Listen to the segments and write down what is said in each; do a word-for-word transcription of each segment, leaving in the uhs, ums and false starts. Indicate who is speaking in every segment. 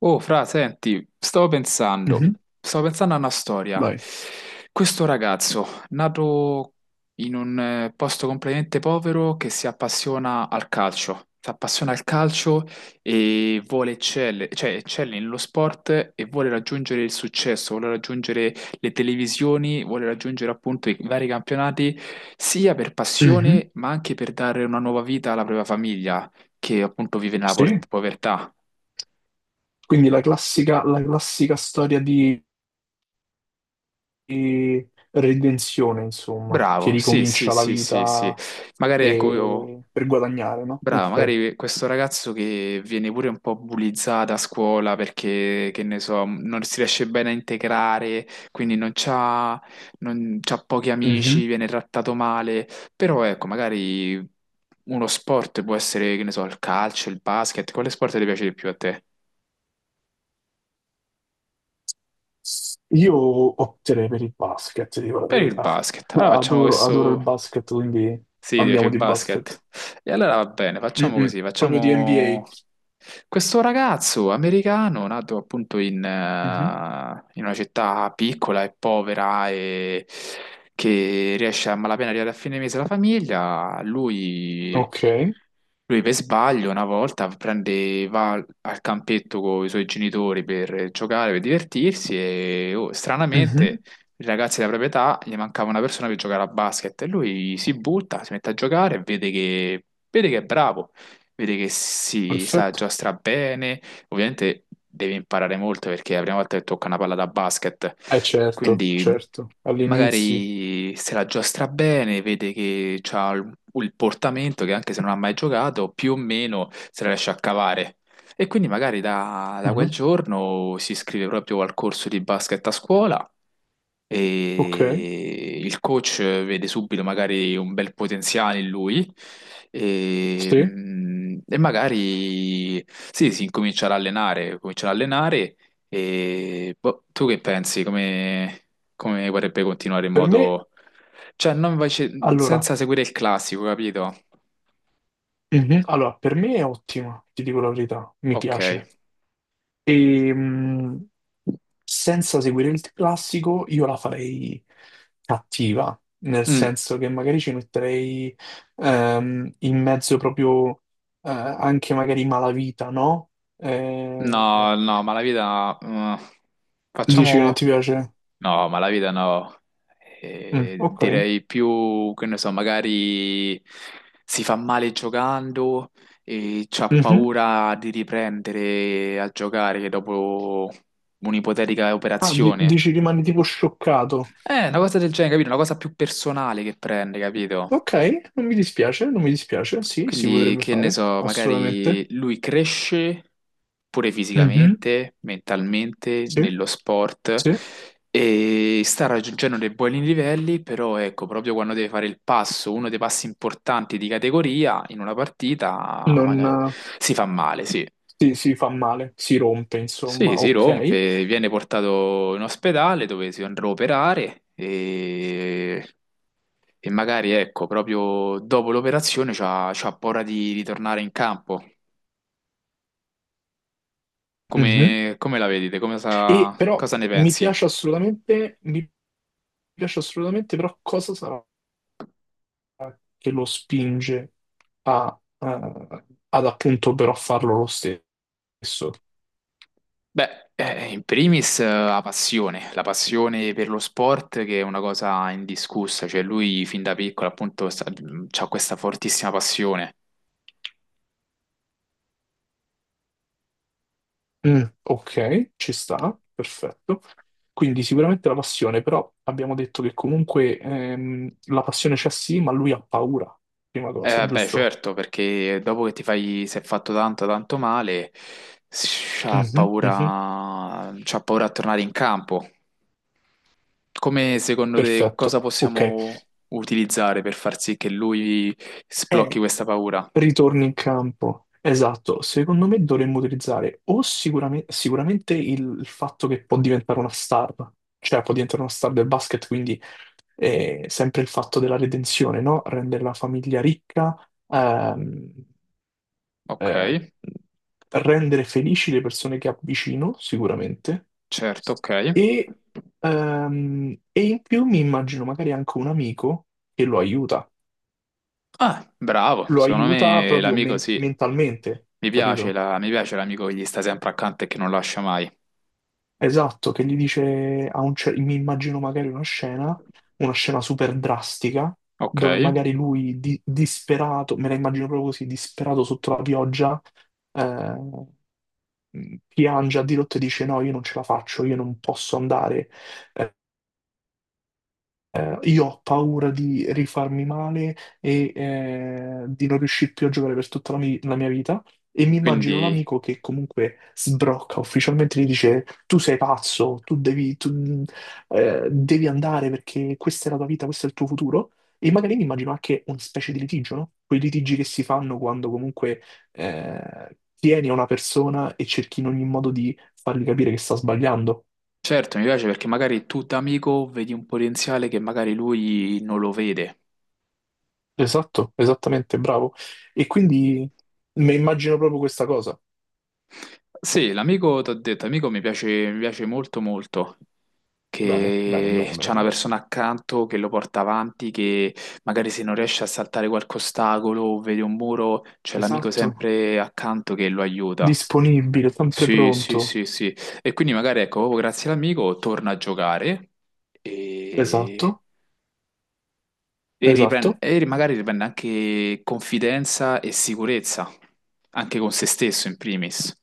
Speaker 1: Oh, fra, senti, stavo pensando,
Speaker 2: Mhm.
Speaker 1: stavo pensando a una storia.
Speaker 2: Vai.
Speaker 1: Questo ragazzo, nato in un eh, posto completamente povero, che si appassiona al calcio, si appassiona al calcio e vuole eccelle, cioè eccelle nello sport e vuole raggiungere il successo, vuole raggiungere le televisioni, vuole raggiungere appunto i vari campionati, sia per
Speaker 2: Mhm.
Speaker 1: passione, ma anche per dare una nuova vita alla propria famiglia, che appunto vive nella por-
Speaker 2: Sì.
Speaker 1: povertà.
Speaker 2: Quindi la classica, la classica storia di, di redenzione, insomma, che
Speaker 1: Bravo, sì, sì,
Speaker 2: ricomincia la
Speaker 1: sì, sì, sì.
Speaker 2: vita
Speaker 1: Magari ecco, io,
Speaker 2: e- per guadagnare, no?
Speaker 1: bravo,
Speaker 2: Ok.
Speaker 1: magari questo ragazzo che viene pure un po' bullizzato a scuola perché, che ne so, non si riesce bene a integrare, quindi non c'ha, non c'ha pochi
Speaker 2: Mhm.
Speaker 1: amici, viene trattato male, però ecco, magari uno sport può essere, che ne so, il calcio, il basket, quale sport ti piace di più a te?
Speaker 2: Io opterei per il basket, dico la
Speaker 1: Per il
Speaker 2: verità.
Speaker 1: basket. Allora facciamo
Speaker 2: Adoro, adoro il
Speaker 1: questo.
Speaker 2: basket, quindi
Speaker 1: Sì, ti piace
Speaker 2: andiamo
Speaker 1: il
Speaker 2: di
Speaker 1: basket.
Speaker 2: basket.
Speaker 1: E allora va bene, facciamo
Speaker 2: Mm-mm.
Speaker 1: così,
Speaker 2: Proprio di N B A.
Speaker 1: facciamo questo ragazzo americano nato appunto in,
Speaker 2: Mhm.
Speaker 1: eh, in una città piccola e povera e che riesce a malapena arrivare a fine mese la famiglia, lui,
Speaker 2: Ok.
Speaker 1: lui per sbaglio una volta prende, va al al campetto con i suoi genitori per giocare, per divertirsi e oh,
Speaker 2: Mhm.
Speaker 1: stranamente i ragazzi della propria età, gli mancava una persona per giocare a basket e lui si butta, si mette a giocare e vede che, vede che è bravo, vede che si sa
Speaker 2: Perfetto.
Speaker 1: giostra bene, ovviamente deve imparare molto perché è la prima volta che tocca una palla da basket,
Speaker 2: Eh certo,
Speaker 1: quindi
Speaker 2: certo. All'inizio.
Speaker 1: magari se la giostra bene, vede che ha il il portamento che anche se non ha mai giocato, più o meno se la riesce a cavare. E quindi magari da, da
Speaker 2: Mhm.
Speaker 1: quel giorno si iscrive proprio al corso di basket a scuola
Speaker 2: Ok.
Speaker 1: e il coach vede subito magari un bel potenziale in lui e,
Speaker 2: Sì.
Speaker 1: mm, e magari sì, si incomincia ad allenare, comincia ad allenare e boh, tu che pensi? Come, come vorrebbe continuare in
Speaker 2: Per me,
Speaker 1: modo... Cioè, non invece-
Speaker 2: allora,
Speaker 1: senza seguire il classico, capito?
Speaker 2: Mhm. allora, per me è ottima, ti dico la verità, mi
Speaker 1: Ok.
Speaker 2: piace. E, mh, senza seguire il classico, io la farei cattiva, nel
Speaker 1: Mm.
Speaker 2: senso che magari ci metterei ehm, in mezzo proprio eh, anche magari malavita, no?
Speaker 1: No,
Speaker 2: Eh,
Speaker 1: no, ma la vita no.
Speaker 2: dici che non
Speaker 1: Facciamo...
Speaker 2: ti piace?
Speaker 1: No, ma la vita no.
Speaker 2: Mm,
Speaker 1: Eh,
Speaker 2: ok.
Speaker 1: direi più, che ne so, magari si fa male giocando e c'ha
Speaker 2: Mhm.
Speaker 1: paura di riprendere a giocare dopo un'ipotetica
Speaker 2: Ah, di-
Speaker 1: operazione.
Speaker 2: dici rimani tipo scioccato.
Speaker 1: Eh, una cosa del genere, capito? Una cosa più personale che prende, capito?
Speaker 2: Ok, non mi dispiace, non mi dispiace, sì, si
Speaker 1: Quindi,
Speaker 2: potrebbe
Speaker 1: che ne
Speaker 2: fare,
Speaker 1: so, magari
Speaker 2: assolutamente.
Speaker 1: lui cresce pure
Speaker 2: Mhm.
Speaker 1: fisicamente, mentalmente,
Speaker 2: Sì,
Speaker 1: nello sport
Speaker 2: sì,
Speaker 1: e sta raggiungendo dei buoni livelli, però ecco, proprio quando deve fare il passo, uno dei passi importanti di categoria in una partita,
Speaker 2: non,
Speaker 1: magari
Speaker 2: eh,
Speaker 1: si fa male, sì.
Speaker 2: sì, si fa male, si rompe,
Speaker 1: Sì,
Speaker 2: insomma,
Speaker 1: si
Speaker 2: ok.
Speaker 1: rompe, viene portato in ospedale dove si andrà a operare e, e magari, ecco, proprio dopo l'operazione c'ha, c'ha paura di ritornare in campo.
Speaker 2: Mhm.
Speaker 1: Come, come la vedete? Come
Speaker 2: E
Speaker 1: sa-
Speaker 2: però
Speaker 1: cosa ne
Speaker 2: mi
Speaker 1: pensi?
Speaker 2: piace assolutamente, mi piace assolutamente, però cosa sarà che lo spinge a, eh, ad appunto però farlo lo stesso?
Speaker 1: Beh, eh, in primis eh, la passione, la passione per lo sport che è una cosa indiscussa, cioè lui fin da piccolo appunto ha questa fortissima passione.
Speaker 2: Mm, ok, ci sta, perfetto. Quindi sicuramente la passione, però abbiamo detto che comunque ehm, la passione c'è sì, ma lui ha paura, prima cosa,
Speaker 1: Eh, beh,
Speaker 2: giusto?
Speaker 1: certo, perché dopo che ti fai, si è fatto tanto, tanto male, s- c'ha
Speaker 2: Mhm, mhm.
Speaker 1: paura, c'ha paura a tornare in campo. Come secondo te
Speaker 2: Perfetto,
Speaker 1: cosa
Speaker 2: ok.
Speaker 1: possiamo utilizzare per far sì che lui sblocchi
Speaker 2: E
Speaker 1: questa paura?
Speaker 2: ritorni in campo. Esatto, secondo me dovremmo utilizzare o sicurame- sicuramente il il fatto che può diventare una star, cioè può diventare una star del basket, quindi eh, sempre il fatto della redenzione, no? Rendere la famiglia ricca. Ehm,
Speaker 1: Ok.
Speaker 2: eh, rendere felici le persone che avvicino, sicuramente,
Speaker 1: Certo, ok.
Speaker 2: e, ehm, e in più mi immagino magari anche un amico che lo aiuta,
Speaker 1: Ah, bravo,
Speaker 2: lo
Speaker 1: secondo
Speaker 2: aiuta
Speaker 1: me
Speaker 2: proprio
Speaker 1: l'amico
Speaker 2: men-
Speaker 1: sì.
Speaker 2: mentalmente,
Speaker 1: Mi piace
Speaker 2: capito?
Speaker 1: la- mi piace l'amico che gli sta sempre accanto e che non lascia mai.
Speaker 2: Esatto, che gli dice, a un cer- mi immagino magari una scena, una scena super drastica,
Speaker 1: Ok,
Speaker 2: dove magari lui di- disperato, me la immagino proprio così, disperato sotto la pioggia, eh, mh, piange a dirotto e dice no, io non ce la faccio, io non posso andare, eh, io ho paura di rifarmi male e eh, di non riuscire più a giocare per tutta la, mi- la mia vita. E mi immagino
Speaker 1: quindi
Speaker 2: l'amico che comunque sbrocca ufficialmente e gli dice: Tu sei pazzo, tu devi, tu, eh, devi andare perché questa è la tua vita, questo è il tuo futuro. E magari mi immagino anche una specie di litigio, no? Quei litigi che si fanno quando comunque eh, tieni a una persona e cerchi in ogni modo di fargli capire che sta sbagliando.
Speaker 1: certo mi piace perché magari tu da amico vedi un potenziale che magari lui non lo vede.
Speaker 2: Esatto, esattamente, bravo. E quindi mi immagino proprio questa cosa.
Speaker 1: Sì, l'amico, ti ho detto, amico mi piace, mi piace molto molto,
Speaker 2: Bene, bene,
Speaker 1: che
Speaker 2: bene,
Speaker 1: c'è una
Speaker 2: bene.
Speaker 1: persona accanto che lo porta avanti, che magari se non riesce a saltare qualche ostacolo o vede un muro, c'è l'amico
Speaker 2: Esatto.
Speaker 1: sempre accanto che lo aiuta.
Speaker 2: Disponibile, sempre
Speaker 1: Sì, sì,
Speaker 2: pronto.
Speaker 1: sì, sì. E quindi magari ecco, proprio grazie all'amico torna a giocare e,
Speaker 2: Esatto,
Speaker 1: e riprende,
Speaker 2: esatto.
Speaker 1: e ri- magari riprende anche confidenza e sicurezza, anche con se stesso in primis.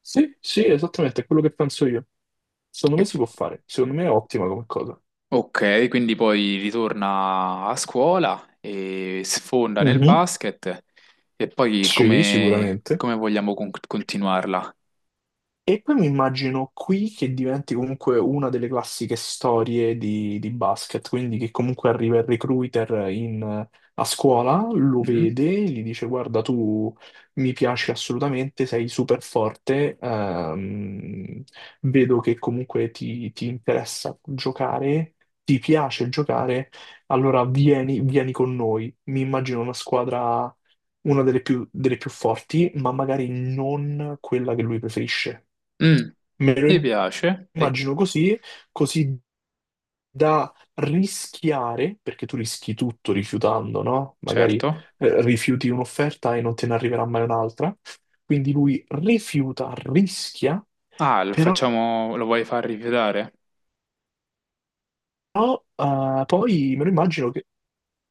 Speaker 2: Sì, sì, esattamente, è quello che penso io. Secondo
Speaker 1: E-
Speaker 2: me si può fare, secondo me è ottima come cosa.
Speaker 1: Ok, quindi poi ritorna a scuola e sfonda nel
Speaker 2: Mhm.
Speaker 1: basket e poi
Speaker 2: Sì,
Speaker 1: come,
Speaker 2: sicuramente.
Speaker 1: come vogliamo con- continuarla?
Speaker 2: E poi mi immagino qui che diventi comunque una delle classiche storie di, di basket, quindi che comunque arriva il recruiter in- a scuola, lo
Speaker 1: Mhm.
Speaker 2: vede, gli dice guarda tu mi piaci assolutamente, sei super forte, ehm, vedo che comunque ti, ti interessa giocare, ti piace giocare, allora vieni, vieni con noi. Mi immagino una squadra una delle più, delle più forti, ma magari non quella che lui preferisce.
Speaker 1: Mm,
Speaker 2: Me
Speaker 1: mi
Speaker 2: lo
Speaker 1: piace, e
Speaker 2: immagino così, così da rischiare, perché tu rischi tutto rifiutando, no? Magari
Speaker 1: certo.
Speaker 2: eh, rifiuti un'offerta e non te ne arriverà mai un'altra. Quindi lui rifiuta, rischia,
Speaker 1: Ah, lo
Speaker 2: però.
Speaker 1: facciamo, lo vuoi far rifiutare?
Speaker 2: Però eh, poi me lo immagino che...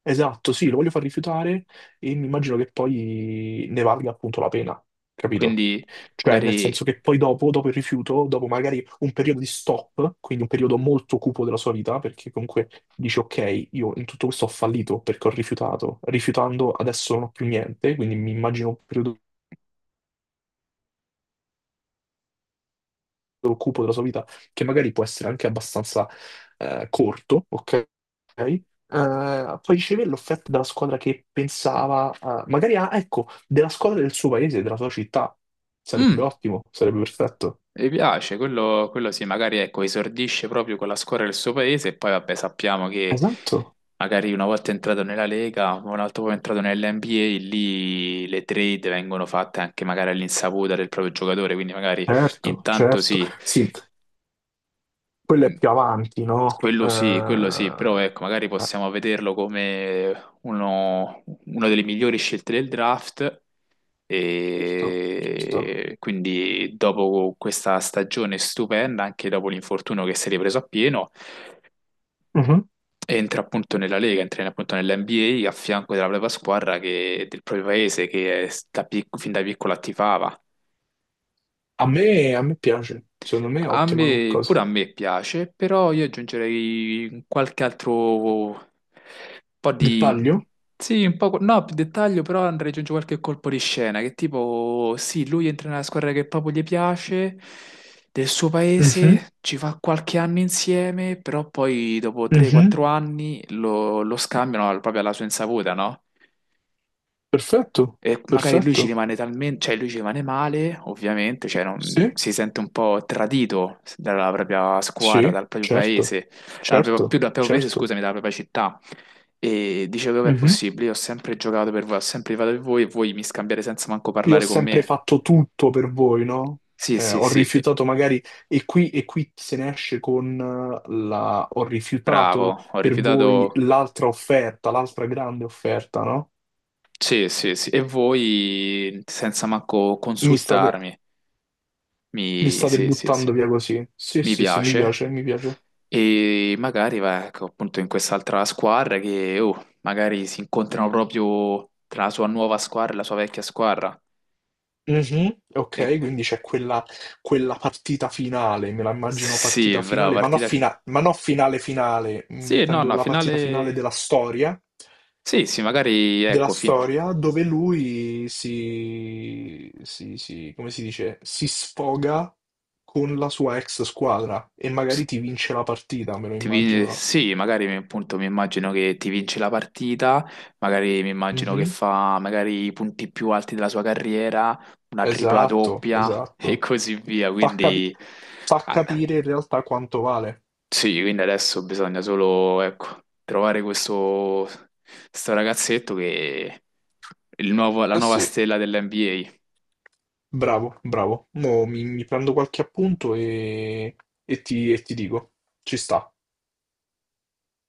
Speaker 2: Esatto, sì, lo voglio far rifiutare e mi immagino che poi ne valga appunto la pena, capito?
Speaker 1: Quindi
Speaker 2: Cioè, nel
Speaker 1: magari...
Speaker 2: senso che poi dopo, dopo il rifiuto, dopo magari un periodo di stop, quindi un periodo molto cupo della sua vita, perché comunque dici, ok, io in tutto questo ho fallito perché ho rifiutato, rifiutando adesso non ho più niente, quindi mi immagino un periodo occupo della sua vita, che magari può essere anche abbastanza eh, corto, ok? Eh, poi riceve l'offerta dalla squadra che pensava, eh, magari ah, ecco, della squadra del suo paese, della sua città. Sarebbe
Speaker 1: Mm,
Speaker 2: ottimo, sarebbe perfetto.
Speaker 1: mi piace, quello, quello sì, magari ecco, esordisce proprio con la squadra del suo paese e poi vabbè sappiamo che
Speaker 2: Esatto,
Speaker 1: magari una volta entrato nella Lega, un altro po' entrato nell'N B A, lì le trade vengono fatte anche magari all'insaputa del proprio giocatore, quindi magari
Speaker 2: certo,
Speaker 1: intanto
Speaker 2: certo.
Speaker 1: sì.
Speaker 2: Sì, quello è
Speaker 1: Mm,
Speaker 2: più avanti, no? Eh,
Speaker 1: quello sì, quello sì, però ecco, magari
Speaker 2: eh,
Speaker 1: possiamo vederlo come uno, una delle migliori scelte del draft
Speaker 2: certo, certo.
Speaker 1: e quindi dopo questa stagione stupenda, anche dopo l'infortunio che si è ripreso a pieno,
Speaker 2: Mhm.
Speaker 1: entra appunto nella Lega, entra appunto nell'NBA a a fianco della propria squadra che- del proprio paese che è- da pic- fin da piccola attivava.
Speaker 2: A me, a me piace, secondo me è
Speaker 1: A
Speaker 2: ottima come
Speaker 1: me, pure
Speaker 2: cosa.
Speaker 1: a me piace, però io aggiungerei qualche altro po' di...
Speaker 2: Dettaglio?
Speaker 1: Sì, un po'... No, più dettaglio, però andrei ad aggiungere qualche colpo di scena, che tipo, sì, lui entra nella squadra che proprio gli piace, del suo
Speaker 2: Mhm,
Speaker 1: paese, ci fa qualche anno insieme, però poi dopo
Speaker 2: mhm.
Speaker 1: tre o quattro anni lo, lo scambiano al- proprio alla sua insaputa, no?
Speaker 2: Perfetto,
Speaker 1: E magari lui
Speaker 2: perfetto.
Speaker 1: ci rimane talmente, cioè lui ci rimane male, ovviamente, cioè non-
Speaker 2: Sì,
Speaker 1: si sente un po' tradito dalla propria squadra,
Speaker 2: sì,
Speaker 1: dal proprio
Speaker 2: certo,
Speaker 1: paese, dalla propria- più
Speaker 2: certo,
Speaker 1: dal proprio paese,
Speaker 2: certo.
Speaker 1: scusami, dalla propria città. E dice, come è
Speaker 2: Mhm.
Speaker 1: possibile? Io ho sempre giocato per voi, ho sempre rifiutato per voi e voi mi scambiate senza manco
Speaker 2: Io ho
Speaker 1: parlare con
Speaker 2: sempre
Speaker 1: me.
Speaker 2: fatto tutto per voi, no?
Speaker 1: Sì,
Speaker 2: Eh,
Speaker 1: sì,
Speaker 2: ho
Speaker 1: sì,
Speaker 2: rifiutato magari, e qui, e qui se ne esce con eh, la... Ho rifiutato
Speaker 1: bravo, ho
Speaker 2: per voi
Speaker 1: rifiutato...
Speaker 2: l'altra offerta, l'altra grande offerta, no?
Speaker 1: Sì, sì, sì. E voi senza manco
Speaker 2: Mi state,
Speaker 1: consultarmi.
Speaker 2: mi
Speaker 1: Mi...
Speaker 2: state
Speaker 1: Sì, sì, sì.
Speaker 2: buttando via così. Sì,
Speaker 1: Mi
Speaker 2: sì, sì, mi
Speaker 1: piace.
Speaker 2: piace, mi piace.
Speaker 1: E magari, va, ecco, appunto in quest'altra squadra che, oh, magari si incontrano proprio tra la sua nuova squadra e la sua vecchia squadra.
Speaker 2: Mhm,
Speaker 1: E-
Speaker 2: ok, quindi c'è quella, quella partita finale, me la immagino
Speaker 1: sì,
Speaker 2: partita
Speaker 1: brava,
Speaker 2: finale, ma non,
Speaker 1: partita finale.
Speaker 2: fina- ma non finale finale, mm,
Speaker 1: Sì, no,
Speaker 2: intendo
Speaker 1: no,
Speaker 2: la partita finale
Speaker 1: finale...
Speaker 2: della storia,
Speaker 1: Sì, sì, magari,
Speaker 2: della
Speaker 1: ecco, fin-
Speaker 2: storia dove lui si, si, si- come si dice, si sfoga con la sua ex squadra e magari ti vince la partita, me lo
Speaker 1: ti vin-
Speaker 2: immagino.
Speaker 1: sì, magari appunto mi immagino che ti vince la partita, magari mi immagino che
Speaker 2: Mhm.
Speaker 1: fa magari i punti più alti della sua carriera, una tripla
Speaker 2: Esatto,
Speaker 1: doppia e
Speaker 2: esatto.
Speaker 1: così via,
Speaker 2: Fa capi-
Speaker 1: quindi...
Speaker 2: fa
Speaker 1: Ah,
Speaker 2: capire in realtà quanto vale.
Speaker 1: sì, quindi adesso bisogna solo, ecco, trovare questo, sto ragazzetto che è il nuovo- la
Speaker 2: Eh
Speaker 1: nuova
Speaker 2: sì.
Speaker 1: stella dell'N B A.
Speaker 2: Bravo, bravo. Mo mi, mi prendo qualche appunto e, e ti, e ti dico. Ci sta.